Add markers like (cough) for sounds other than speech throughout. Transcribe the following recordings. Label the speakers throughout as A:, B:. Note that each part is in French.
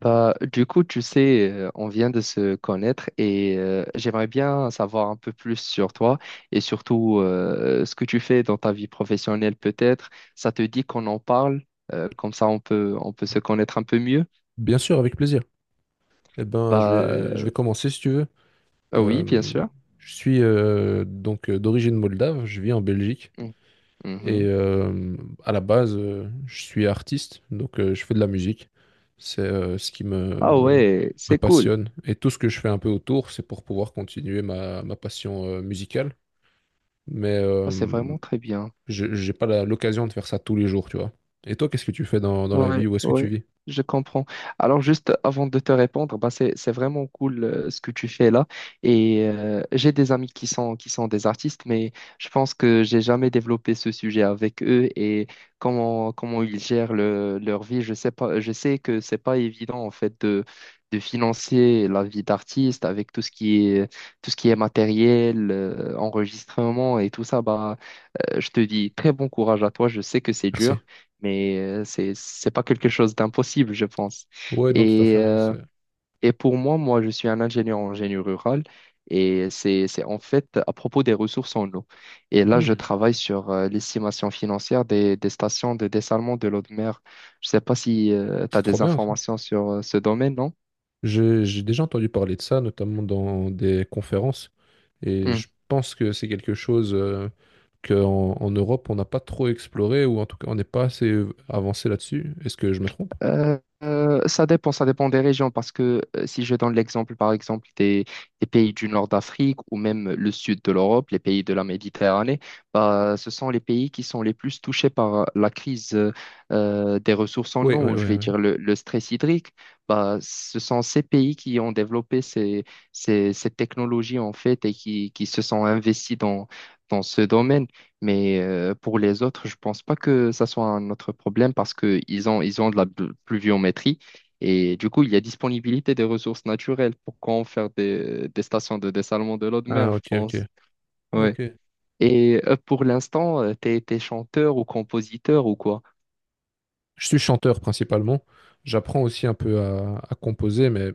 A: Bah, du coup, tu sais, on vient de se connaître et j'aimerais bien savoir un peu plus sur toi et surtout ce que tu fais dans ta vie professionnelle peut-être. Ça te dit qu'on en parle, comme ça on peut se connaître un peu mieux.
B: Bien sûr, avec plaisir. Eh ben, je
A: Bah,
B: vais, je vais commencer si tu veux.
A: ah oui, bien
B: Euh,
A: sûr.
B: je suis donc d'origine moldave, je vis en Belgique
A: Mm.
B: et
A: Mhm.
B: à la base, je suis artiste, donc je fais de la musique. C'est ce qui
A: Ah
B: me,
A: ouais,
B: me
A: c'est cool.
B: passionne, et tout ce que je fais un peu autour, c'est pour pouvoir continuer ma passion musicale. Mais
A: Oh, c'est vraiment très bien.
B: j'ai pas l'occasion de faire ça tous les jours, tu vois. Et toi, qu'est-ce que tu fais dans la
A: Ouais,
B: vie? Où est-ce que tu
A: ouais,
B: vis?
A: je comprends. Alors juste avant de te répondre, bah c'est vraiment cool, ce que tu fais là. Et j'ai des amis qui sont des artistes, mais je pense que j'ai jamais développé ce sujet avec eux. Et comment ils gèrent leur vie, je sais pas. Je sais que c'est pas évident en fait de financer la vie d'artiste avec tout ce qui est matériel, enregistrement et tout ça. Bah, je te dis très bon courage à toi. Je sais que c'est
B: Merci.
A: dur, mais c'est pas quelque chose d'impossible, je pense.
B: Ouais, non, tout à fait,
A: Et
B: hein.
A: euh,
B: C'est
A: et pour moi, je suis un ingénieur en génie rural, et c'est en fait à propos des ressources en eau. Et là, je
B: Hmm,
A: travaille sur l'estimation financière des stations de dessalement de l'eau de mer. Je sais pas si tu
B: c'est
A: as
B: trop
A: des
B: bien, ça.
A: informations sur ce domaine, non?
B: J'ai déjà entendu parler de ça, notamment dans des conférences. Et je pense que c'est quelque chose qu'en en Europe, on n'a pas trop exploré, ou en tout cas, on n'est pas assez avancé là-dessus. Est-ce que je me trompe?
A: Ça dépend des régions, parce que si je donne l'exemple par exemple des pays du nord d'Afrique, ou même le sud de l'Europe, les pays de la Méditerranée, bah, ce sont les pays qui sont les plus touchés par la crise des ressources en
B: Oui, oui,
A: eau, ou je
B: oui,
A: vais
B: oui.
A: dire le stress hydrique. Bah, ce sont ces pays qui ont développé ces technologies en fait, et qui se sont investis dans ce domaine. Mais pour les autres, je pense pas que ça soit un autre problème, parce que ils ont de la pluviométrie, et du coup il y a disponibilité des ressources naturelles. Pourquoi en faire des stations de dessalement de l'eau de
B: Ah,
A: mer, je
B: ok, ok.
A: pense. Ouais.
B: Ok.
A: Et pour l'instant, t'es chanteur ou compositeur ou quoi?
B: Je suis chanteur principalement. J'apprends aussi un peu à composer, mais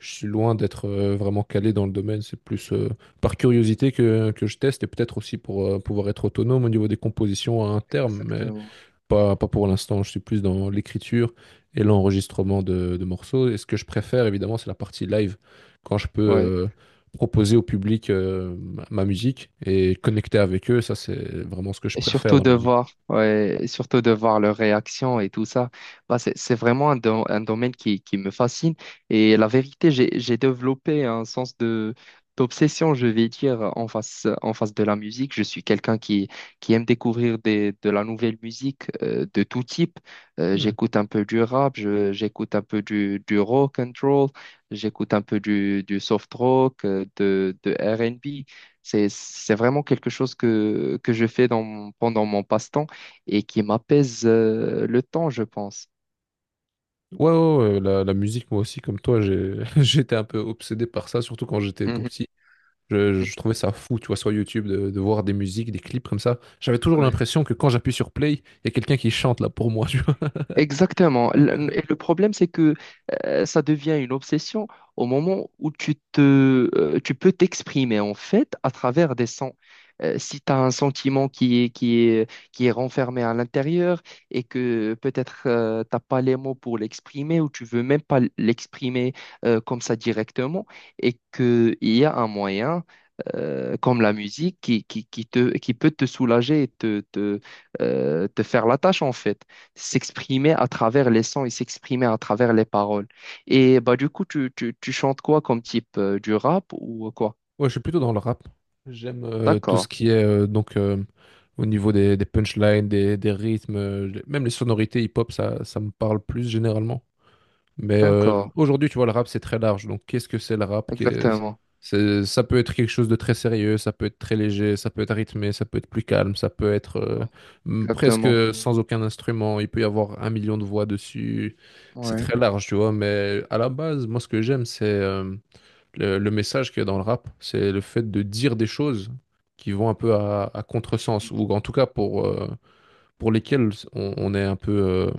B: je suis loin d'être vraiment calé dans le domaine. C'est plus par curiosité que je teste et peut-être aussi pour pouvoir être autonome au niveau des compositions à un terme, mais
A: Exactement.
B: pas, pas pour l'instant. Je suis plus dans l'écriture et l'enregistrement de morceaux. Et ce que je préfère, évidemment, c'est la partie live, quand je peux
A: Ouais.
B: proposer au public ma musique et connecter avec eux. Ça, c'est vraiment ce que je
A: Et
B: préfère
A: surtout
B: dans
A: de
B: la musique.
A: voir, ouais, et surtout de voir leurs réactions et tout ça. Bah, c'est vraiment un domaine qui me fascine. Et la vérité, j'ai développé un sens d'obsession, je vais dire, en face de la musique. Je suis quelqu'un qui aime découvrir de la nouvelle musique, de tout type. Euh,
B: Hmm.
A: j'écoute un peu du rap, j'écoute un peu du rock and roll, j'écoute un peu du soft rock, de R and B. C'est vraiment quelque chose que je fais pendant mon passe-temps, et qui m'apaise, le temps, je pense.
B: Ouais, ouais, ouais, la musique, moi aussi, comme toi, j'ai, (laughs) j'étais un peu obsédé par ça, surtout quand j'étais tout
A: Mhm.
B: petit. Je trouvais ça fou, tu vois, sur YouTube, de voir des musiques, des clips comme ça. J'avais toujours
A: Ouais.
B: l'impression que quand j'appuie sur play, il y a quelqu'un qui chante là pour moi, (laughs) tu vois.
A: Exactement. Et le problème, c'est que ça devient une obsession au moment où tu peux t'exprimer en fait à travers des sons. Si tu as un sentiment qui est renfermé à l'intérieur, et que peut-être tu t'as pas les mots pour l'exprimer, ou tu veux même pas l'exprimer comme ça directement, et qu'il y a un moyen comme la musique qui peut te soulager et te faire la tâche en fait, s'exprimer à travers les sons et s'exprimer à travers les paroles. Et bah du coup, tu chantes quoi comme type, du rap ou quoi?
B: Ouais, je suis plutôt dans le rap. J'aime tout ce
A: D'accord,
B: qui est au niveau des punchlines, des rythmes, même les sonorités hip-hop, ça me parle plus généralement. Mais
A: d'accord,
B: aujourd'hui, tu vois, le rap, c'est très large. Donc, qu'est-ce que c'est le rap?
A: exactement.
B: Ça peut être quelque chose de très sérieux, ça peut être très léger, ça peut être rythmé, ça peut être plus calme, ça peut être
A: Ouais,
B: presque
A: exactement.
B: sans aucun instrument. Il peut y avoir un million de voix dessus. C'est
A: Ouais.
B: très large, tu vois. Mais à la base, moi, ce que j'aime, c'est le message qu'il y a dans le rap. C'est le fait de dire des choses qui vont un peu à contresens, ou en tout cas pour lesquels on est un peu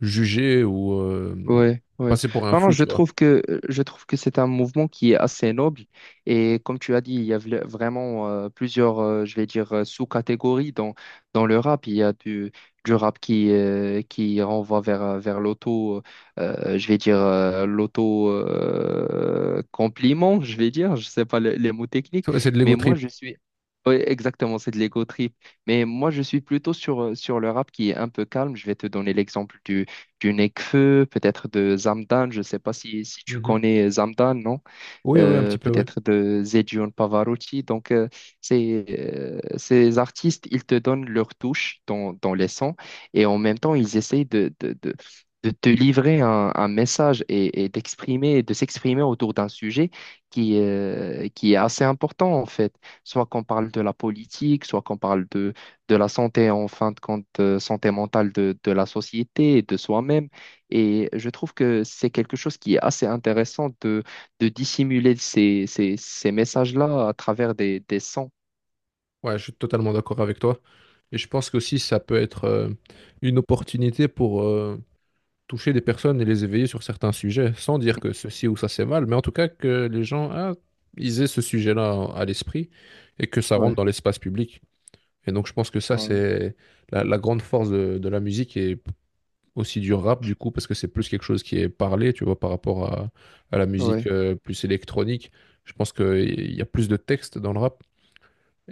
B: jugé ou
A: Ouais, ouais.
B: passé pour un
A: Non, non,
B: fou,
A: je
B: tu vois.
A: trouve que c'est un mouvement qui est assez noble, et comme tu as dit, il y a vraiment, plusieurs, je vais dire, sous-catégories dans le rap. Il y a du rap qui renvoie vers, vers l'auto, compliment, je vais dire, je sais pas les mots techniques,
B: C'est de
A: mais
B: l'ego
A: moi
B: trip.
A: je suis. Ouais, exactement, c'est de l'ego trip. Mais moi, je suis plutôt sur le rap qui est un peu calme. Je vais te donner l'exemple du Nekfeu, peut-être de Zamdan. Je ne sais pas si tu
B: Mhm.
A: connais Zamdan, non?
B: Oui, oui, un petit peu, oui.
A: Peut-être de Zedjon Pavarotti. Donc, ces artistes, ils te donnent leur touche dans les sons, et en même temps, ils essayent de te livrer un message, et d'exprimer, de s'exprimer autour d'un sujet qui est assez important en fait. Soit qu'on parle de la politique, soit qu'on parle de la santé en fin de compte, santé mentale de la société et de soi-même. Et je trouve que c'est quelque chose qui est assez intéressant, de dissimuler ces messages-là à travers des sons.
B: Ouais, je suis totalement d'accord avec toi. Et je pense qu'aussi, ça peut être une opportunité pour toucher des personnes et les éveiller sur certains sujets, sans dire que ceci ou ça c'est mal, mais en tout cas que les gens, ah, ils aient ce sujet-là à l'esprit et que ça rentre
A: Ouais,
B: dans l'espace public. Et donc, je pense que ça,
A: ouais,
B: c'est la grande force de la musique et aussi du rap du coup parce que c'est plus quelque chose qui est parlé, tu vois, par rapport à la musique
A: ouais.
B: plus électronique. Je pense qu'il y a plus de texte dans le rap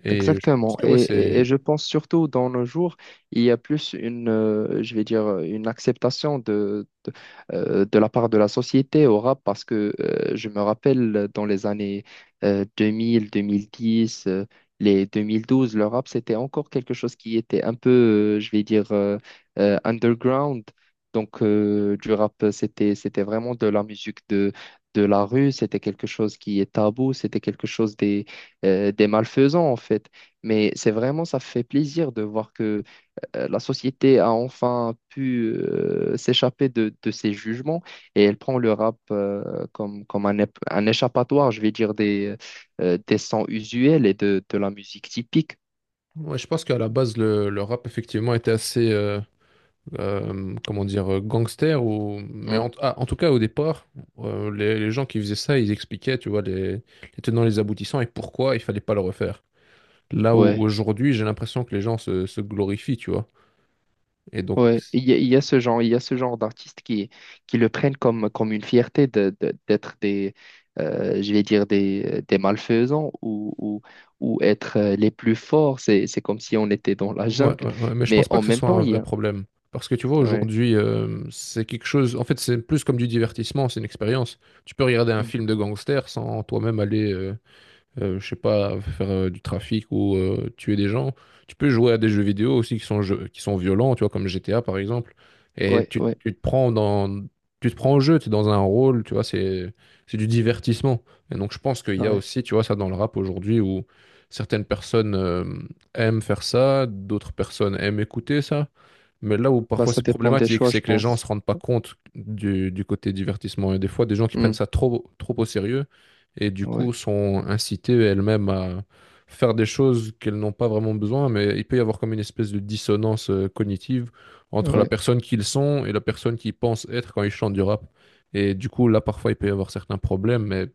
B: et je pense
A: Exactement.
B: que ouais,
A: Et
B: c'est
A: je pense surtout dans nos jours, il y a plus une, je vais dire, une acceptation de la part de la société au rap, parce que je me rappelle dans les années 2000, 2010, les 2012, le rap, c'était encore quelque chose qui était un peu, je vais dire, underground. Donc, du rap, c'était vraiment de la musique de la rue, c'était quelque chose qui est tabou, c'était quelque chose, des malfaisants en fait. Mais c'est vraiment, ça fait plaisir de voir que la société a enfin pu s'échapper de ses jugements, et elle prend le rap comme, comme un échappatoire, je vais dire, des sons usuels et de la musique typique.
B: ouais, je pense qu'à la base le rap effectivement était assez comment dire gangster ou mais
A: Mm.
B: en, ah, en tout cas au départ les gens qui faisaient ça, ils expliquaient, tu vois, les tenants les aboutissants et pourquoi il fallait pas le refaire. Là où
A: Ouais.
B: aujourd'hui, j'ai l'impression que les gens se glorifient, tu vois. Et donc,
A: Ouais, il y a ce genre d'artistes qui le prennent comme une fierté d'être je vais dire des malfaisants, ou être, les plus forts. C'est comme si on était dans la
B: ouais,
A: jungle.
B: ouais, ouais, mais je
A: Mais
B: pense pas
A: en
B: que ce
A: même
B: soit
A: temps,
B: un
A: il y
B: vrai
A: a.
B: problème. Parce que tu vois,
A: Ouais.
B: aujourd'hui, c'est quelque chose. En fait, c'est plus comme du divertissement, c'est une expérience. Tu peux regarder un
A: Mhm.
B: film de gangster sans toi-même aller je sais pas, faire du trafic ou tuer des gens. Tu peux jouer à des jeux vidéo aussi qui sont violents, tu vois, comme GTA par exemple. Et
A: Ouais,
B: tu,
A: ouais,
B: tu te prends dans, tu te prends au jeu, tu es dans un rôle, tu vois, c'est du divertissement. Et donc je pense qu'il y a
A: ouais.
B: aussi, tu vois, ça dans le rap aujourd'hui où certaines personnes aiment faire ça, d'autres personnes aiment écouter ça. Mais là où
A: Bah,
B: parfois
A: ça
B: c'est
A: dépend des
B: problématique,
A: choix, je
B: c'est que les gens
A: pense.
B: se rendent pas compte du côté divertissement. Et des fois, des gens qui prennent
A: Mm.
B: ça trop, trop au sérieux et du coup
A: Ouais,
B: sont incitées elles-mêmes à faire des choses qu'elles n'ont pas vraiment besoin, mais il peut y avoir comme une espèce de dissonance cognitive entre la
A: ouais.
B: personne qu'ils sont et la personne qu'ils pensent être quand ils chantent du rap. Et du coup, là, parfois, il peut y avoir certains problèmes, mais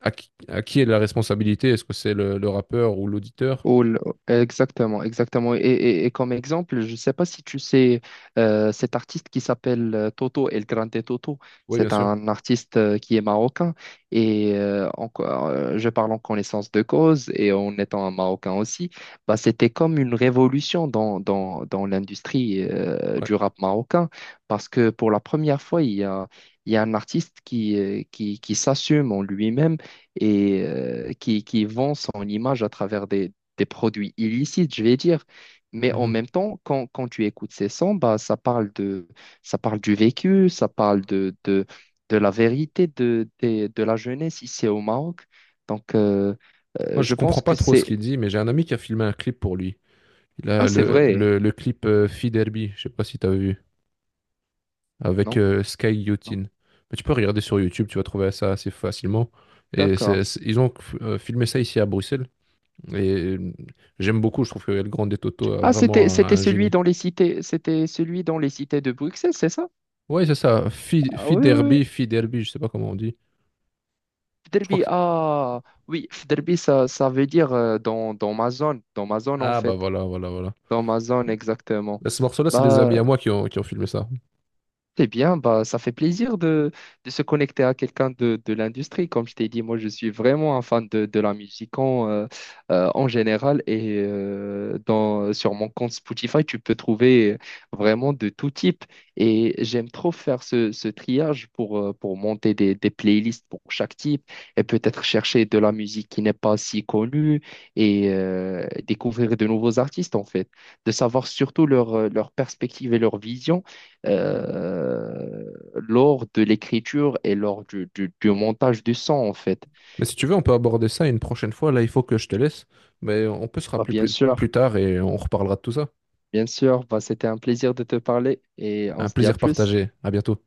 B: à qui est la responsabilité? Est-ce que c'est le rappeur ou l'auditeur?
A: Ou le- Exactement, exactement. Et, comme exemple, je ne sais pas si tu sais, cet artiste qui s'appelle, Toto, El Grande Toto.
B: Oui, bien
A: C'est
B: sûr.
A: un artiste, qui est marocain, et encore, je parle en connaissance de cause et en étant un marocain aussi, bah, c'était comme une révolution dans l'industrie,
B: Ouais.
A: du rap marocain, parce que pour la première fois, il y a un artiste qui s'assume en lui-même, et qui vend son image à travers des produits illicites, je vais dire. Mais en
B: Mhm.
A: même temps, quand tu écoutes ces sons, bah, ça parle du vécu, ça parle de la vérité de la jeunesse ici au Maroc. Donc,
B: Moi, je
A: je pense
B: comprends pas
A: que
B: trop ce
A: c'est...
B: qu'il dit, mais j'ai un ami qui a filmé un clip pour lui. Il
A: Ah,
B: a
A: c'est
B: le,
A: vrai,
B: le clip Fee Derby, je sais pas si tu as vu, avec
A: non?
B: Sky
A: Non.
B: Yotin. Mais tu peux regarder sur YouTube, tu vas trouver ça assez facilement. Et
A: D'accord.
B: ils ont filmé ça ici à Bruxelles. Et j'aime beaucoup, je trouve que El Grande Toto a
A: Ah,
B: vraiment
A: c'était
B: un
A: celui
B: génie.
A: dans les cités, de Bruxelles, c'est ça?
B: Ouais, c'est ça.
A: Ah, oui, oui, oui.
B: Fi Derby, je sais pas comment on dit. Je crois
A: Fderbi,
B: que.
A: ah, oui, Fderbi, ça veut dire, dans ma zone en
B: Ah bah
A: fait.
B: voilà, voilà, voilà.
A: Dans ma zone, exactement.
B: Là, ce morceau-là, c'est des
A: Bah,
B: amis à moi qui ont filmé ça.
A: eh bien, ça fait plaisir de se connecter à quelqu'un de l'industrie. Comme je t'ai dit, moi, je suis vraiment un fan de la musique en, en général. Et sur mon compte Spotify, tu peux trouver vraiment de tout type. Et j'aime trop faire ce triage, pour monter des playlists pour chaque type, et peut-être chercher de la musique qui n'est pas si connue, et découvrir de nouveaux artistes, en fait. De savoir surtout leur perspective et leur vision, euh, lors de l'écriture et lors du montage du son, en fait.
B: Mais si tu veux, on peut aborder ça une prochaine fois. Là, il faut que je te laisse. Mais on peut se
A: Bah,
B: rappeler plus, plus tard et on reparlera de tout ça.
A: bien sûr, bah, c'était un plaisir de te parler et on
B: Un
A: se dit à
B: plaisir
A: plus.
B: partagé. À bientôt.